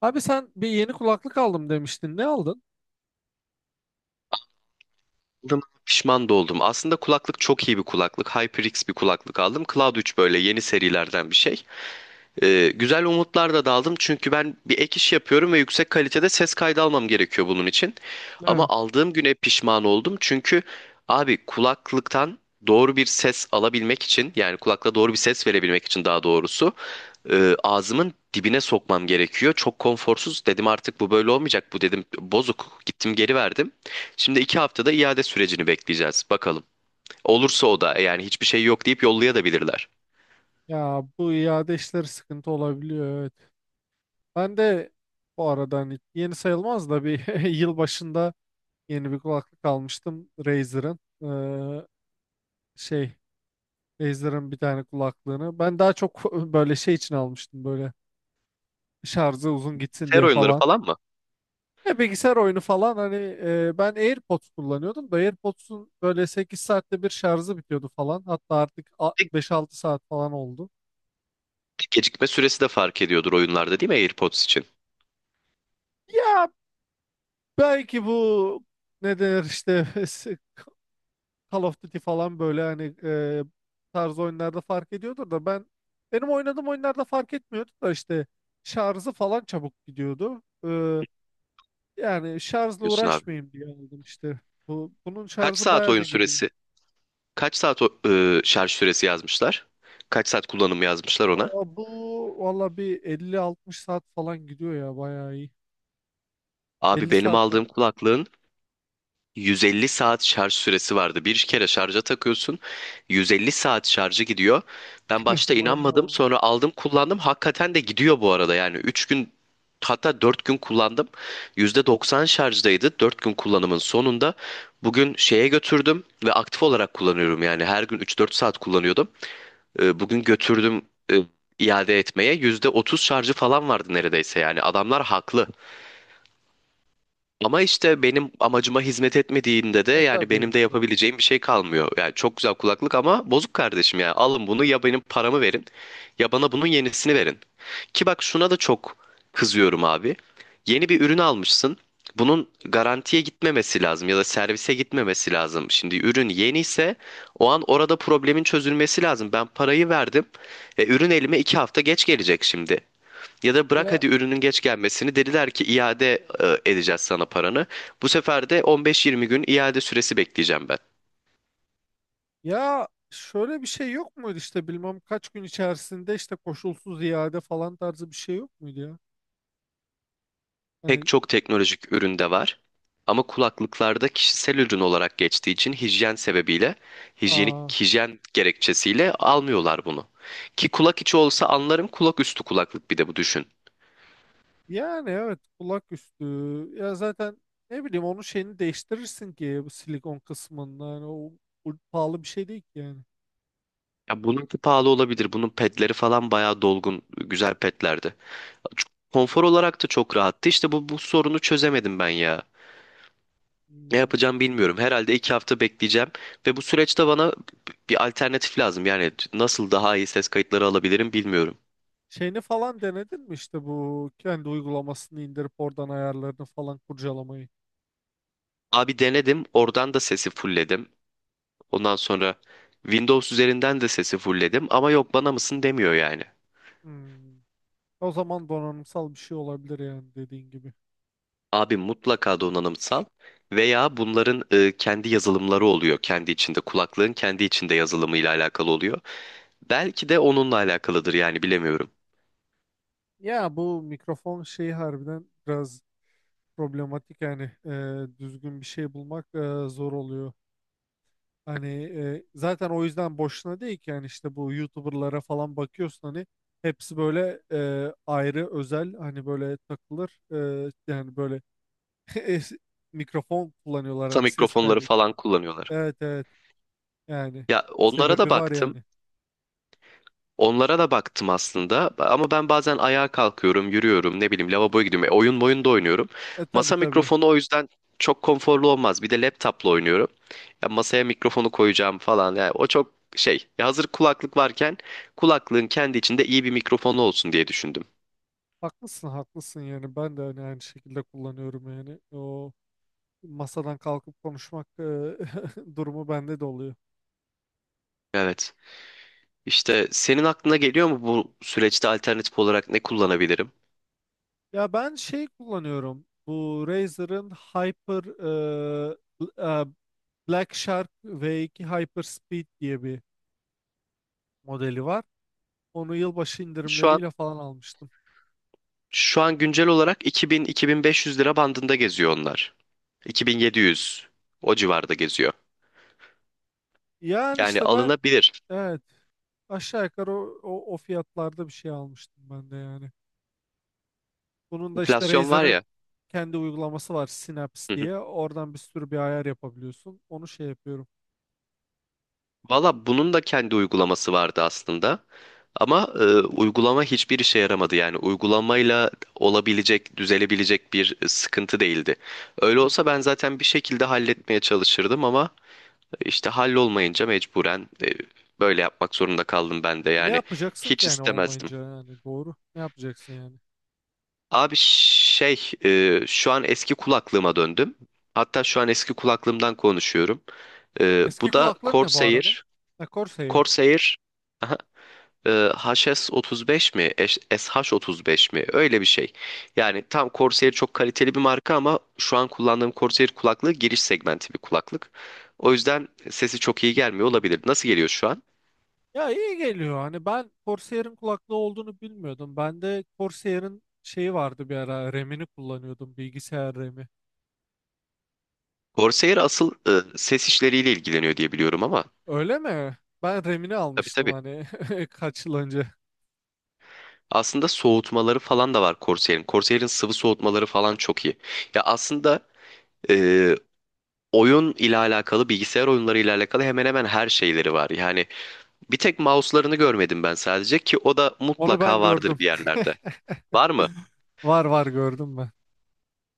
Abi sen bir yeni kulaklık aldım demiştin. Ne aldın? Aldığıma pişman da oldum. Aslında kulaklık çok iyi bir kulaklık. HyperX bir kulaklık aldım. Cloud 3 böyle yeni serilerden bir şey. Güzel umutlar da daldım çünkü ben bir ek iş yapıyorum ve yüksek kalitede ses kaydı almam gerekiyor bunun için. Ama Evet. aldığım güne pişman oldum çünkü abi kulaklıktan doğru bir ses alabilmek için, yani kulakla doğru bir ses verebilmek için daha doğrusu, ağzımın dibine sokmam gerekiyor. Çok konforsuz. Dedim artık bu böyle olmayacak. Bu dedim bozuk. Gittim geri verdim. Şimdi 2 haftada iade sürecini bekleyeceğiz. Bakalım. Olursa o da, yani hiçbir şey yok deyip yollayabilirler. Ya bu iade işleri sıkıntı olabiliyor, evet. Ben de bu arada hani yeni sayılmaz da bir yıl başında yeni bir kulaklık almıştım Razer'ın. Ee, şey Razer'ın bir tane kulaklığını. Ben daha çok böyle şey için almıştım, böyle şarjı uzun gitsin Ser diye oyunları falan. falan mı? Ya bilgisayar oyunu falan hani ben AirPods kullanıyordum da AirPods'un böyle 8 saatte bir şarjı bitiyordu falan. Hatta artık Bir, 5-6 saat falan oldu. bir gecikme süresi de fark ediyordur oyunlarda, değil mi, AirPods için? Ya belki bu, ne denir işte, Call of Duty falan, böyle hani tarz oyunlarda fark ediyordur da ben benim oynadığım oyunlarda fark etmiyordu da işte şarjı falan çabuk gidiyordu. Yani şarjla Diyorsun abi. uğraşmayayım diye aldım işte. Bunun Kaç şarjı saat bayağı oyun bir gidiyor. süresi? Kaç saat şarj süresi yazmışlar? Kaç saat kullanım yazmışlar ona? Aa, bu valla bir 50-60 saat falan gidiyor ya, bayağı iyi. Abi, 50 benim saat falan. aldığım kulaklığın 150 saat şarj süresi vardı. Bir kere şarja takıyorsun. 150 saat şarjı gidiyor. Ben başta Bayağı inanmadım. oldu. Sonra aldım kullandım. Hakikaten de gidiyor bu arada. Yani 3 gün, hatta 4 gün kullandım. %90 şarjdaydı. 4 gün kullanımın sonunda bugün şeye götürdüm ve aktif olarak kullanıyorum. Yani her gün 3-4 saat kullanıyordum. Bugün götürdüm, e, iade etmeye. %30 şarjı falan vardı neredeyse. Yani adamlar haklı. Ama işte benim amacıma hizmet etmediğinde de, yani Tabii benim de tabii. yapabileceğim bir şey kalmıyor. Yani çok güzel kulaklık ama bozuk kardeşim, yani alın bunu ya benim paramı verin ya bana bunun yenisini verin. Ki bak, şuna da çok kızıyorum abi. Yeni bir ürün almışsın. Bunun garantiye gitmemesi lazım ya da servise gitmemesi lazım. Şimdi ürün yeni ise o an orada problemin çözülmesi lazım. Ben parayı verdim. Ürün elime 2 hafta geç gelecek şimdi. Ya da bırak Ya hadi ürünün geç gelmesini, dediler ki iade edeceğiz sana paranı. Bu sefer de 15-20 gün iade süresi bekleyeceğim ben. Ya şöyle bir şey yok muydu işte, bilmem kaç gün içerisinde işte koşulsuz iade falan tarzı bir şey yok muydu ya? Pek Hani çok teknolojik üründe var. Ama kulaklıklarda kişisel ürün olarak geçtiği için hijyen sebebiyle, aa, hijyenik hijyen gerekçesiyle almıyorlar bunu. Ki kulak içi olsa anlarım, kulak üstü kulaklık, bir de bu, düşün. yani evet, kulak üstü, ya zaten ne bileyim, onun şeyini değiştirirsin ki, bu silikon kısmında yani bu pahalı bir şey değil ki yani. Ya, bununki pahalı olabilir. Bunun pedleri falan bayağı dolgun, güzel pedlerdi. Konfor olarak da çok rahattı. İşte bu sorunu çözemedim ben ya. Ne Hmm. yapacağım bilmiyorum. Herhalde 2 hafta bekleyeceğim ve bu süreçte bana bir alternatif lazım. Yani nasıl daha iyi ses kayıtları alabilirim bilmiyorum. Şeyini falan denedin mi işte, bu kendi uygulamasını indirip oradan ayarlarını falan kurcalamayı? Abi denedim, oradan da sesi fullledim. Ondan sonra Windows üzerinden de sesi fullledim ama yok, bana mısın demiyor yani. Hmm. O zaman donanımsal bir şey olabilir yani, dediğin gibi. Abi, mutlaka donanımsal veya bunların, kendi yazılımları oluyor. Kendi içinde, kulaklığın kendi içinde yazılımıyla alakalı oluyor. Belki de onunla alakalıdır, yani bilemiyorum. Ya bu mikrofon şeyi harbiden biraz problematik yani, düzgün bir şey bulmak zor oluyor. Hani zaten o yüzden boşuna değil ki yani, işte bu YouTuber'lara falan bakıyorsun hani, hepsi böyle ayrı özel, hani böyle takılır yani, böyle es- mikrofon kullanıyorlar Kısa hani, ses mikrofonları kaydı için. falan kullanıyorlar. Evet evet, yani Ya, onlara da sebebi var baktım. yani. Onlara da baktım aslında. Ama ben bazen ayağa kalkıyorum, yürüyorum, ne bileyim lavaboya gidiyorum. Oyun boyun da oynuyorum. Tabii Masa tabii, mikrofonu o yüzden çok konforlu olmaz. Bir de laptopla oynuyorum. Ya, masaya mikrofonu koyacağım falan. Yani o çok şey. Ya hazır kulaklık varken, kulaklığın kendi içinde iyi bir mikrofonu olsun diye düşündüm. haklısın haklısın, yani ben de hani aynı şekilde kullanıyorum, yani o masadan kalkıp konuşmak durumu bende de oluyor. Evet. İşte senin aklına geliyor mu bu süreçte alternatif olarak ne kullanabilirim? Ya ben şey kullanıyorum. Bu Razer'ın Hyper e, Black Shark V2 Hyper Speed diye bir modeli var. Onu yılbaşı Şu an indirimleriyle falan almıştım. şu an güncel olarak 2000-2500 lira bandında geziyor onlar. 2700, o civarda geziyor. Yani Yani işte ben, alınabilir. evet, aşağı yukarı o fiyatlarda bir şey almıştım ben de yani. Bunun da işte Enflasyon var ya. Razer'ın kendi uygulaması var, Synapse Hı hı. diye. Oradan bir sürü bir ayar yapabiliyorsun. Onu şey yapıyorum. Valla bunun da kendi uygulaması vardı aslında. Ama uygulama hiçbir işe yaramadı. Yani uygulamayla olabilecek, düzelebilecek bir sıkıntı değildi. Öyle Hı olsa hı. ben zaten bir şekilde halletmeye çalışırdım ama. İşte hallolmayınca mecburen, böyle yapmak zorunda kaldım ben de, Ne yani yapacaksın ki hiç yani istemezdim. olmayınca, yani doğru. Ne yapacaksın yani? Abi şey, şu an eski kulaklığıma döndüm. Hatta şu an eski kulaklığımdan konuşuyorum. Eski Bu da kulaklığın ne bu arada? Corsair. Ha, Corsair. Corsair, aha, e, HS35 mi? SH35 mi? Öyle bir şey. Yani tam Corsair çok kaliteli bir marka ama şu an kullandığım Corsair kulaklığı giriş segmenti bir kulaklık. O yüzden sesi çok iyi gelmiyor olabilir. Hmm. Nasıl geliyor şu an? Ya iyi geliyor. Hani ben Corsair'in kulaklığı olduğunu bilmiyordum. Ben de, Corsair'in şeyi vardı bir ara. RAM'ini kullanıyordum. Bilgisayar RAM'i. Corsair asıl, ses işleriyle ilgileniyor diye biliyorum ama, Öyle mi? Ben RAM'ini tabii almıştım tabii. hani kaç yıl önce. Aslında soğutmaları falan da var Corsair'in. Corsair'in sıvı soğutmaları falan çok iyi. Ya aslında, e, oyun ile alakalı, bilgisayar oyunları ile alakalı hemen hemen her şeyleri var. Yani bir tek mouse'larını görmedim ben sadece, ki o da Onu ben mutlaka vardır gördüm. bir yerlerde. Var mı? Var var, gördüm ben.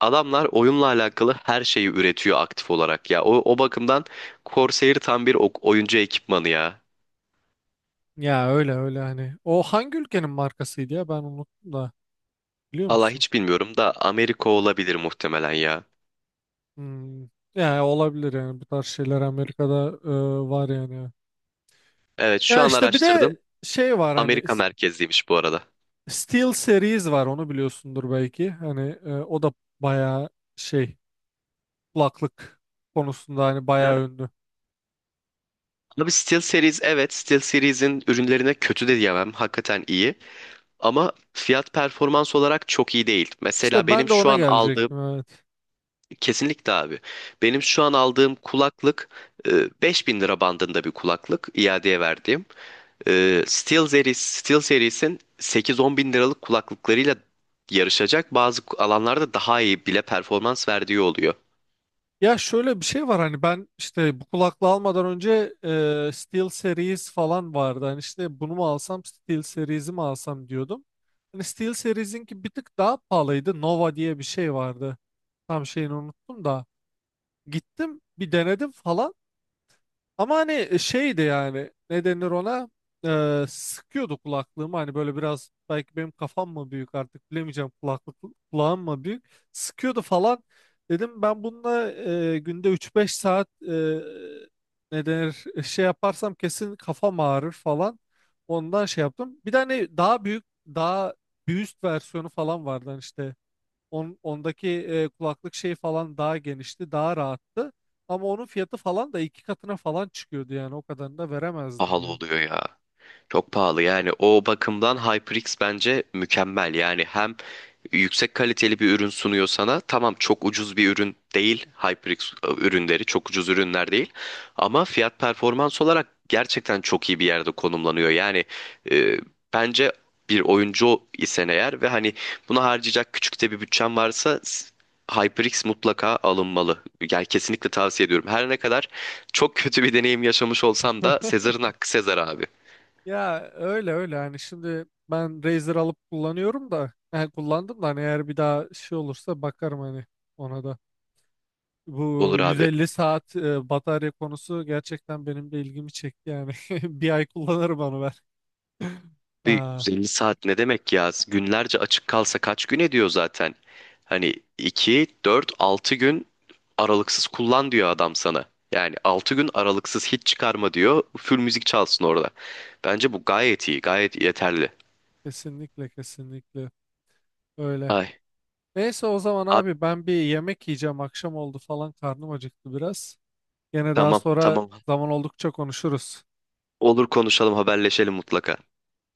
Adamlar oyunla alakalı her şeyi üretiyor aktif olarak ya. O bakımdan Corsair tam bir oyuncu ekipmanı ya. Ya öyle öyle hani. O hangi ülkenin markasıydı ya, ben unuttum da. Biliyor Allah, musun? hiç bilmiyorum da Amerika olabilir muhtemelen ya. Hmm. Ya olabilir yani, bu tarz şeyler Amerika'da var yani. Evet, şu Ya an işte bir araştırdım. de şey var hani, Amerika merkezliymiş bu arada. Steel Series var, onu biliyorsundur belki. Hani o da bayağı şey, kulaklık konusunda hani Ya, bayağı ünlü. abi, SteelSeries, evet, SteelSeries'in ürünlerine kötü de diyemem. Hakikaten iyi. Ama fiyat performans olarak çok iyi değil. Mesela İşte ben benim de şu ona an aldığım. gelecektim, evet. Kesinlikle abi. Benim şu an aldığım kulaklık, e, 5.000 lira bandında bir kulaklık iadeye verdiğim. SteelSeries'in 8-10 bin liralık kulaklıklarıyla yarışacak. Bazı alanlarda daha iyi bile performans verdiği oluyor. Ya şöyle bir şey var hani, ben işte bu kulaklığı almadan önce Steel Series falan vardı. Hani işte, bunu mu alsam Steel Series'i mi alsam diyordum. Hani Steel Series'inki bir tık daha pahalıydı. Nova diye bir şey vardı. Tam şeyini unuttum da. Gittim bir denedim falan. Ama hani şeydi yani, ne denir ona. Sıkıyordu kulaklığımı, hani böyle biraz, belki benim kafam mı büyük artık bilemeyeceğim, kulaklık, kulağım mı büyük, sıkıyordu falan, dedim ben bununla günde üç beş saat ne denir şey yaparsam kesin kafam ağrır falan, ondan şey yaptım. Bir de hani daha büyük, daha bir üst versiyonu falan vardı hani işte. Ondaki kulaklık şey falan daha genişti, daha rahattı. Ama onun fiyatı falan da iki katına falan çıkıyordu, yani o kadarını da veremezdim Pahalı yani. oluyor ya. Çok pahalı, yani o bakımdan HyperX bence mükemmel. Yani hem yüksek kaliteli bir ürün sunuyor sana, tamam çok ucuz bir ürün değil HyperX, ürünleri çok ucuz ürünler değil ama fiyat performans olarak gerçekten çok iyi bir yerde konumlanıyor yani, e, bence bir oyuncu isen eğer ve hani buna harcayacak küçük de bir bütçen varsa, HyperX mutlaka alınmalı. Yani kesinlikle tavsiye ediyorum. Her ne kadar çok kötü bir deneyim yaşamış olsam da, Sezar'ın hakkı Sezar abi. Ya öyle öyle yani, şimdi ben Razer alıp kullanıyorum da, yani kullandım da, hani eğer bir daha şey olursa bakarım hani ona da. Bu Olur abi. 150 saat batarya konusu gerçekten benim de ilgimi çekti yani. Bir ay kullanırım onu ben. Bir Aa, 150 saat ne demek ya? Günlerce açık kalsa kaç gün ediyor zaten? Hani 2-4-6 gün aralıksız kullan diyor adam sana. Yani 6 gün aralıksız hiç çıkarma diyor. Full müzik çalsın orada. Bence bu gayet iyi, gayet yeterli. kesinlikle kesinlikle öyle. Ay, Neyse, o zaman abi, abi ben bir yemek yiyeceğim. Akşam oldu falan, karnım acıktı biraz. Yine daha tamam, sonra, tamam. zaman oldukça konuşuruz. Olur, konuşalım, haberleşelim mutlaka.